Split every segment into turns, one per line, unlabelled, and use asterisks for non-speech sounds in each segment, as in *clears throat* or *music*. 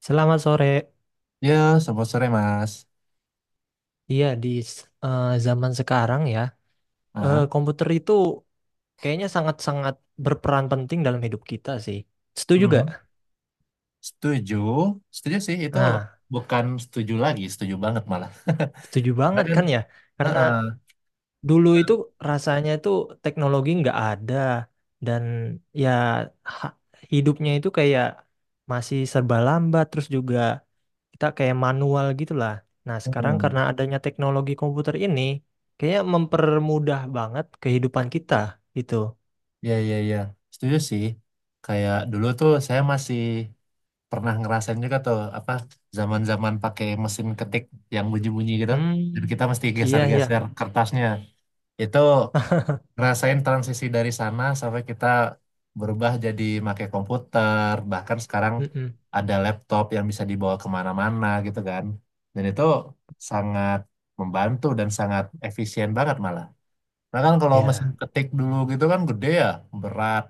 Selamat sore.
Ya, selamat sore Mas.
Iya, zaman sekarang ya,
Ah,
komputer itu kayaknya sangat-sangat berperan penting dalam hidup kita sih. Setuju gak?
mhm, setuju, setuju sih itu
Nah,
bukan setuju lagi, setuju banget malah.
setuju
*laughs* Karena
banget
kan,
kan ya? Karena
heeh,
dulu itu rasanya itu teknologi nggak ada dan ya ha- hidupnya itu kayak masih serba lambat terus juga kita kayak manual gitu lah. Nah, sekarang
heeh,
karena adanya teknologi komputer ini, kayaknya mempermudah banget kehidupan kita gitu.
ya ya ya, setuju sih. Kayak dulu tuh saya masih pernah ngerasain juga tuh apa zaman-zaman pakai mesin ketik yang bunyi-bunyi gitu. Jadi
Hmm,
kita mesti
iya iya.
geser-geser kertasnya. Itu
*laughs*
ngerasain transisi dari sana sampai kita berubah jadi pakai komputer, bahkan sekarang
Mm-mm.
ada laptop yang bisa dibawa kemana-mana gitu kan, dan itu sangat membantu dan sangat efisien banget malah. Nah kan kalau mesin
Ya.
ketik dulu gitu kan gede ya, berat,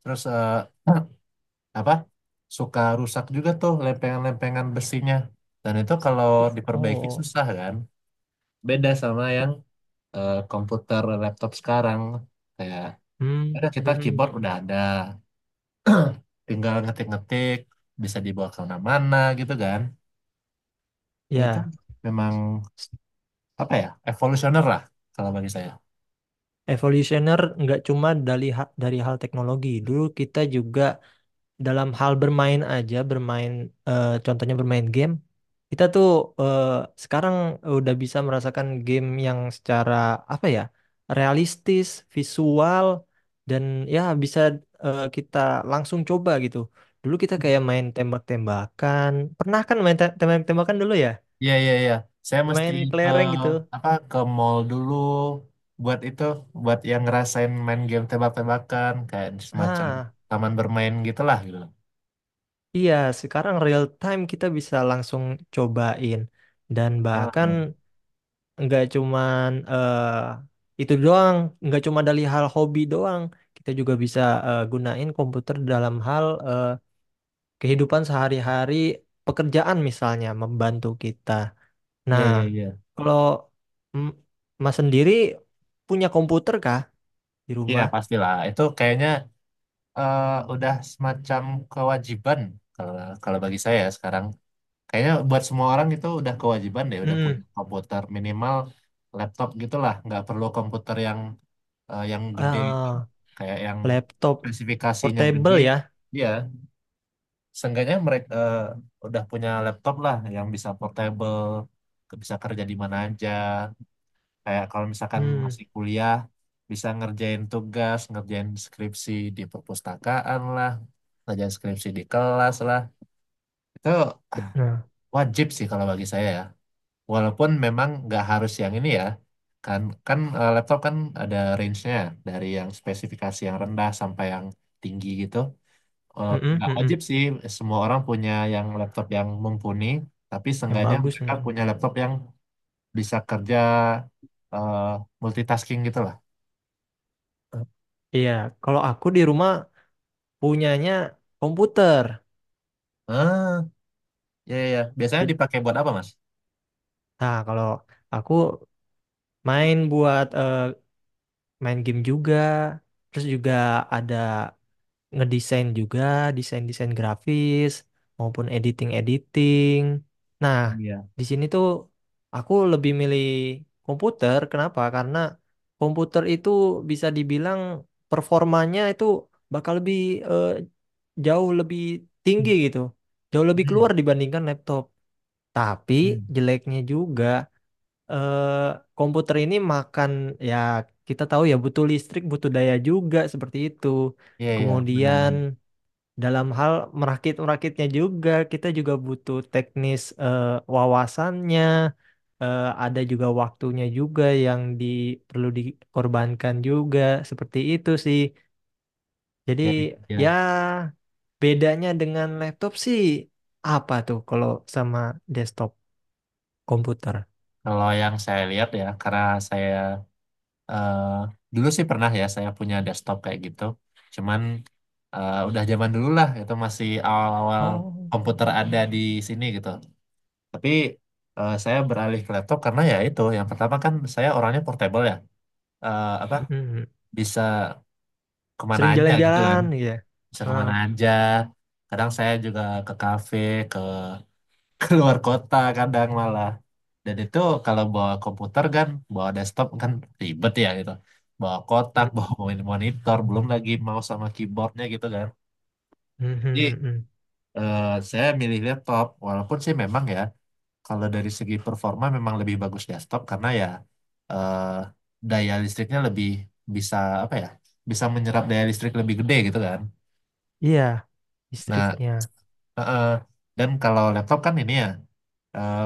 terus apa, suka rusak juga tuh lempengan-lempengan besinya, dan itu kalau
I-
diperbaiki
Oh.
susah kan, beda sama yang komputer laptop sekarang kayak ada
Hmm,
kita keyboard
mm-mm.
udah ada. *clears throat* Tinggal ngetik-ngetik, bisa dibawa ke mana-mana gitu kan. Itu
Ya.
memang apa ya? Evolusioner lah kalau bagi saya.
Evolutioner nggak cuma dari dari hal teknologi. Dulu kita juga dalam hal bermain aja, bermain contohnya bermain game, kita tuh eh, sekarang udah bisa merasakan game yang secara apa ya, realistis, visual dan ya bisa kita langsung coba gitu. Dulu kita kayak main tembak-tembakan, pernah kan main tembak-tembakan dulu ya,
Iya, iya, iya. Saya mesti
main
ke
kelereng gitu.
apa, ke mall dulu buat itu, buat yang ngerasain main game tebak-tebakan kayak semacam
Ah,
taman bermain gitulah gitu loh.
iya, sekarang real time kita bisa langsung cobain dan bahkan
Heeh.
nggak cuman eh itu doang, nggak cuma dari hal hobi doang. Kita juga bisa gunain komputer dalam hal kehidupan sehari-hari, pekerjaan misalnya membantu kita.
Iya,
Nah,
iya, iya.
kalau mm, Mas sendiri punya komputer kah di
Iya,
rumah?
pastilah. Itu kayaknya eh, udah semacam kewajiban kalau kalau bagi saya sekarang. Kayaknya buat semua orang itu udah kewajiban deh, udah
Hmm,
punya komputer minimal laptop gitulah, nggak perlu komputer yang yang gede
ah,
kayak yang
laptop
spesifikasinya gede.
portable ya.
Iya, seenggaknya mereka udah punya laptop lah yang bisa portable, bisa kerja di mana aja. Kayak kalau misalkan
Hmm,
masih kuliah, bisa ngerjain tugas, ngerjain skripsi di perpustakaan lah, ngerjain skripsi di kelas lah. Itu ah,
nah,
wajib sih kalau bagi saya ya. Walaupun memang nggak harus yang ini ya, kan kan eh, laptop kan ada range-nya dari yang spesifikasi yang rendah sampai yang tinggi gitu. Eh,
mm-mm,
Nggak
mm-mm,
wajib sih semua orang punya yang laptop yang mumpuni, tapi
yang
seenggaknya
bagus.
mereka
Mm.
punya laptop yang bisa kerja eh, multitasking gitu lah.
Iya, kalau aku di rumah punyanya komputer.
Ah, ya ya. Biasanya
Jadi
dipakai buat apa, Mas?
nah, kalau aku main buat main game juga, terus juga ada ngedesain juga, desain-desain grafis maupun editing-editing. Nah,
Iya.
di sini tuh aku lebih milih komputer. Kenapa? Karena komputer itu bisa dibilang performanya itu bakal lebih eh, jauh lebih tinggi gitu, jauh lebih
Hmm.
keluar dibandingkan laptop. Tapi
Hmm.
jeleknya juga eh, komputer ini makan ya kita tahu ya butuh listrik, butuh daya juga seperti itu.
Iya iya,
Kemudian
benar-benar.
dalam hal merakit-merakitnya juga kita juga butuh teknis wawasannya, ada juga waktunya juga yang di, perlu dikorbankan juga seperti itu sih. Jadi
Jadi
ya
ya,
bedanya dengan laptop sih apa tuh kalau sama desktop komputer?
kalau yang saya lihat ya, karena saya eh dulu sih pernah ya saya punya desktop kayak gitu. Cuman udah zaman dulu lah itu masih awal-awal
Oh.
komputer ada di sini gitu. Tapi saya beralih ke laptop karena ya itu yang pertama kan saya orangnya portable ya. Apa bisa kemana
Sering
aja gitu kan.
jalan-jalan gitu ya.
Bisa
Ah,
kemana aja. Kadang saya juga ke kafe, ke *laughs* keluar kota kadang malah. Dan itu kalau bawa komputer kan, bawa desktop kan ribet ya gitu. Bawa kotak,
mm,
*laughs* bawa monitor, belum lagi mouse sama keyboardnya gitu kan.
mm, mm,
Jadi
mm, mm.
eh, saya milih laptop, walaupun sih memang ya, kalau dari segi performa memang lebih bagus desktop karena ya eh, daya listriknya lebih bisa apa ya, bisa menyerap daya listrik lebih gede gitu kan.
Iya,
Nah,
listriknya.
eh, eh, dan kalau laptop kan ini ya. eh,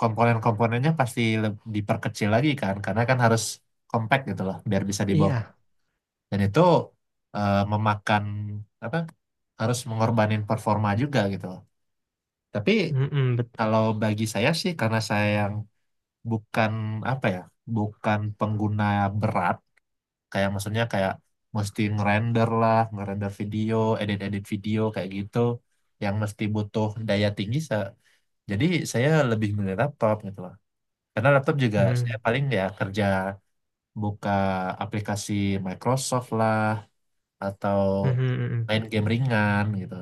Komponen-komponennya pasti diperkecil lagi kan karena kan harus compact gitu loh biar bisa dibawa,
Iya.
dan itu memakan apa, harus mengorbanin performa juga gitu loh. Tapi
Mm, mm, bet
kalau bagi saya sih karena saya yang bukan apa ya, bukan pengguna berat kayak maksudnya kayak mesti ngerender lah, ngerender video, edit-edit video kayak gitu yang mesti butuh daya tinggi, jadi saya lebih milih laptop gitu loh. Karena laptop juga saya
mm,
paling ya kerja buka aplikasi Microsoft lah atau
mm, mm, mm, mm.
main game ringan gitu.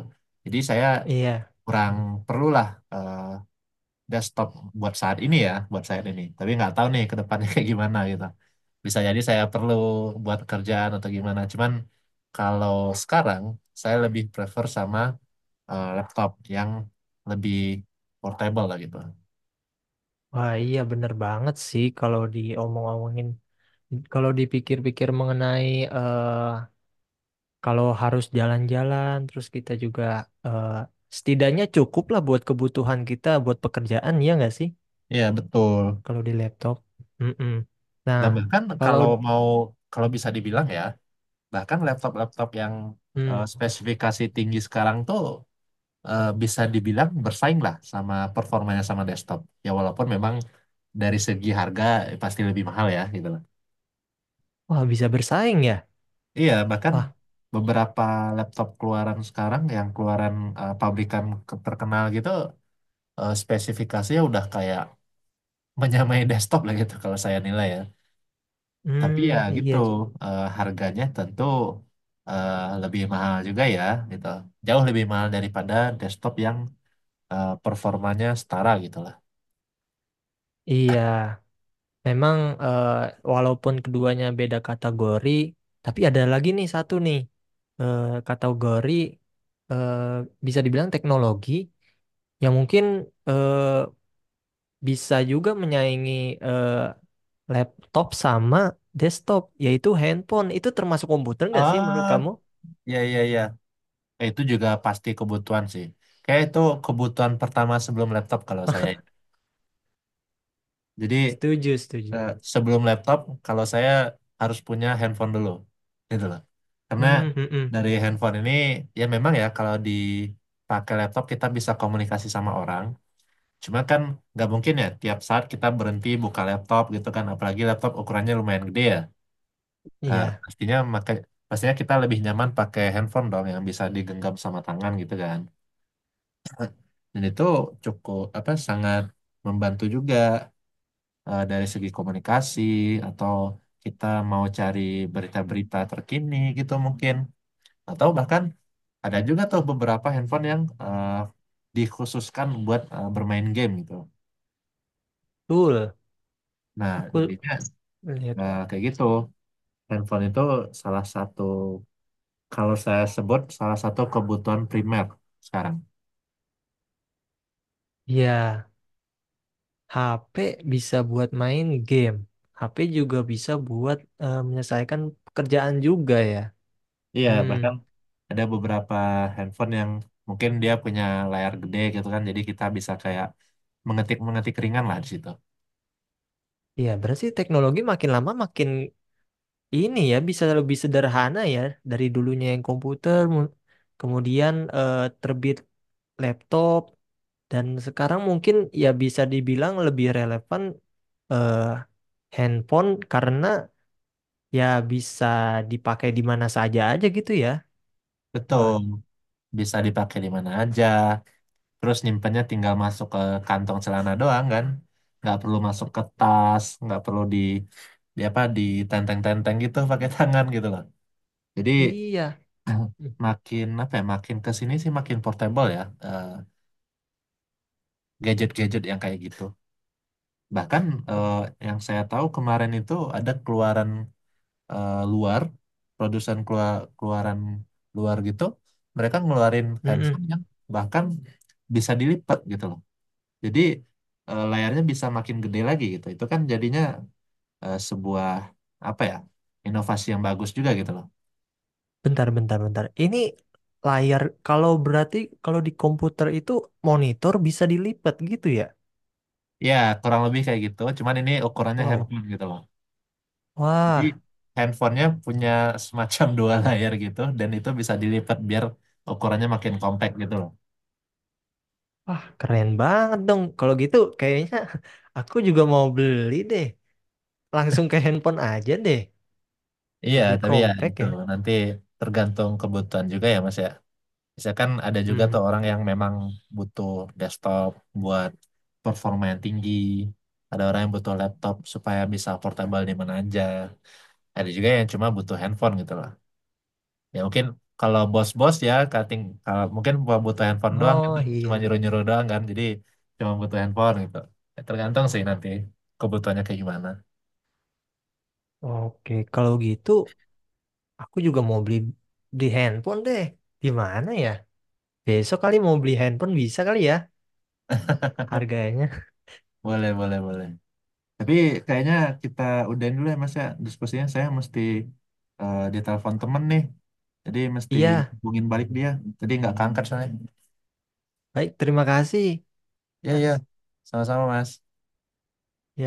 Jadi saya
Iya.
kurang
Mm.
perlulah eh, desktop buat saat ini ya, buat saat ini. Tapi nggak tahu nih ke depannya *laughs* kayak gimana gitu. Bisa jadi saya perlu buat kerjaan atau gimana. Cuman kalau sekarang saya lebih prefer sama laptop yang lebih portable lah gitu.
Wah, iya bener banget sih kalau diomong-omongin. Kalau dipikir-pikir mengenai eh kalau harus jalan-jalan, terus kita juga eh setidaknya cukup lah buat kebutuhan kita, buat pekerjaan, ya nggak sih?
Iya betul.
Kalau di laptop. Mm, mm. Nah,
Dan bahkan
kalau...
kalau mau, bisa dibilang ya, bahkan laptop-laptop yang
mm.
spesifikasi tinggi sekarang tuh bisa dibilang bersaing lah sama performanya sama desktop. Ya walaupun memang dari segi harga pasti lebih mahal ya gitu lah.
Wah, bisa bersaing ya?
Iya, bahkan
Wah,
beberapa laptop keluaran sekarang yang keluaran pabrikan terkenal gitu, spesifikasinya udah kayak menyamai *laughs* desktop lah gitu kalau saya nilai ya. Tapi ya
hmm,
gitu,
iya, J-
harganya tentu eh, lebih mahal juga ya, gitu. Jauh lebih mahal daripada desktop yang performanya setara gitu lah.
iya. Memang eh, walaupun keduanya beda kategori, tapi ada lagi nih satu nih eh, kategori eh, bisa dibilang teknologi yang mungkin eh, bisa juga menyaingi eh, laptop sama desktop, yaitu handphone. Itu termasuk komputer nggak sih menurut
Ah,
kamu?
ya ya ya. Itu juga pasti kebutuhan sih. Kayak itu kebutuhan pertama sebelum laptop kalau saya. Jadi
Setuju, setuju.
eh, sebelum laptop kalau saya harus punya handphone dulu, gitu loh. Karena
Hmm, hmm, hmm.
dari handphone ini ya memang ya kalau dipakai laptop kita bisa komunikasi sama orang. Cuma kan nggak mungkin ya tiap saat kita berhenti buka laptop gitu kan, apalagi laptop ukurannya lumayan gede ya. Nah,
Iya,
pastinya pastinya kita lebih nyaman pakai handphone dong yang bisa digenggam sama tangan gitu kan. *clears throat* *laughs* Dan itu cukup apa, sangat membantu juga dari segi komunikasi, atau kita mau cari berita-berita terkini gitu mungkin. Atau bahkan ada juga tuh beberapa handphone yang dikhususkan buat bermain game gitu.
betul.
Nah,
Aku
jadinya
lihat.
Nah, kayak gitu. Handphone itu salah satu, kalau saya sebut, salah satu kebutuhan primer sekarang.
Iya. HP bisa buat main game. HP juga bisa buat menyelesaikan pekerjaan juga ya.
Iya,
Hmm,
bahkan ada beberapa handphone yang mungkin dia punya layar gede gitu kan, jadi kita bisa kayak mengetik-mengetik ringan lah di situ.
ya berarti teknologi makin lama makin ini ya bisa lebih sederhana ya dari dulunya yang komputer, kemudian terbit laptop dan sekarang mungkin ya bisa dibilang lebih relevan eh, handphone karena ya bisa dipakai di mana saja aja gitu ya.
Betul,
Wah,
bisa dipakai di mana aja. Terus nyimpennya tinggal masuk ke kantong celana doang kan. Nggak perlu masuk ke tas, nggak perlu di apa, ditenteng-tenteng gitu pakai tangan gitu loh. Jadi
iya.
*clears throat* *laughs* makin apa ya, makin ke sini sih makin portable ya, gadget-gadget yang kayak gitu. Bahkan eh, yang saya tahu kemarin itu ada keluaran luar, produsen, keluaran luar gitu, mereka ngeluarin handphone
Mm-mm.
yang bahkan bisa dilipat gitu loh, jadi layarnya bisa makin gede lagi gitu, itu kan jadinya sebuah apa ya, inovasi yang bagus juga gitu loh.
Bentar, bentar, bentar. Ini layar, kalau berarti kalau di komputer itu monitor bisa dilipat gitu ya?
Ya kurang lebih kayak gitu cuman ini ukurannya
Wow,
handphone gitu loh. Jadi
wah,
handphonenya punya semacam dua layar gitu dan itu bisa dilipat biar ukurannya makin compact gitu loh.
wah keren banget dong. Kalau gitu kayaknya *laughs* aku juga mau beli deh. Langsung ke handphone aja deh.
Iya,
Lebih
tapi ya
kompak
itu
ya.
nanti tergantung kebutuhan juga ya Mas ya. Misalkan ada juga
Hmm.
tuh orang yang memang butuh desktop buat performa yang tinggi. Ada orang yang butuh laptop supaya bisa portable di mana aja. Ada juga yang cuma butuh handphone gitu loh. Ya mungkin kalau bos-bos ya cutting, kalau mungkin cuma butuh handphone doang itu
Oh
cuma
iya.
nyuruh-nyuruh doang kan, jadi cuma butuh handphone gitu. Ya, tergantung sih nanti kebutuhannya kayak gimana.
Oke, kalau gitu aku juga mau beli di handphone deh. Di mana ya? Besok kali mau beli handphone bisa kali ya
*laughs*
harganya. *laughs*
Boleh, boleh, boleh. Tapi kayaknya kita udahin dulu ya Mas ya. Diskusinya saya mesti ditelepon temen nih. Jadi mesti
Iya,
hubungin balik dia. Jadi nggak keangkat soalnya.
baik terima kasih.
Ya
Mas.
ya,
Ya.
sama-sama Mas.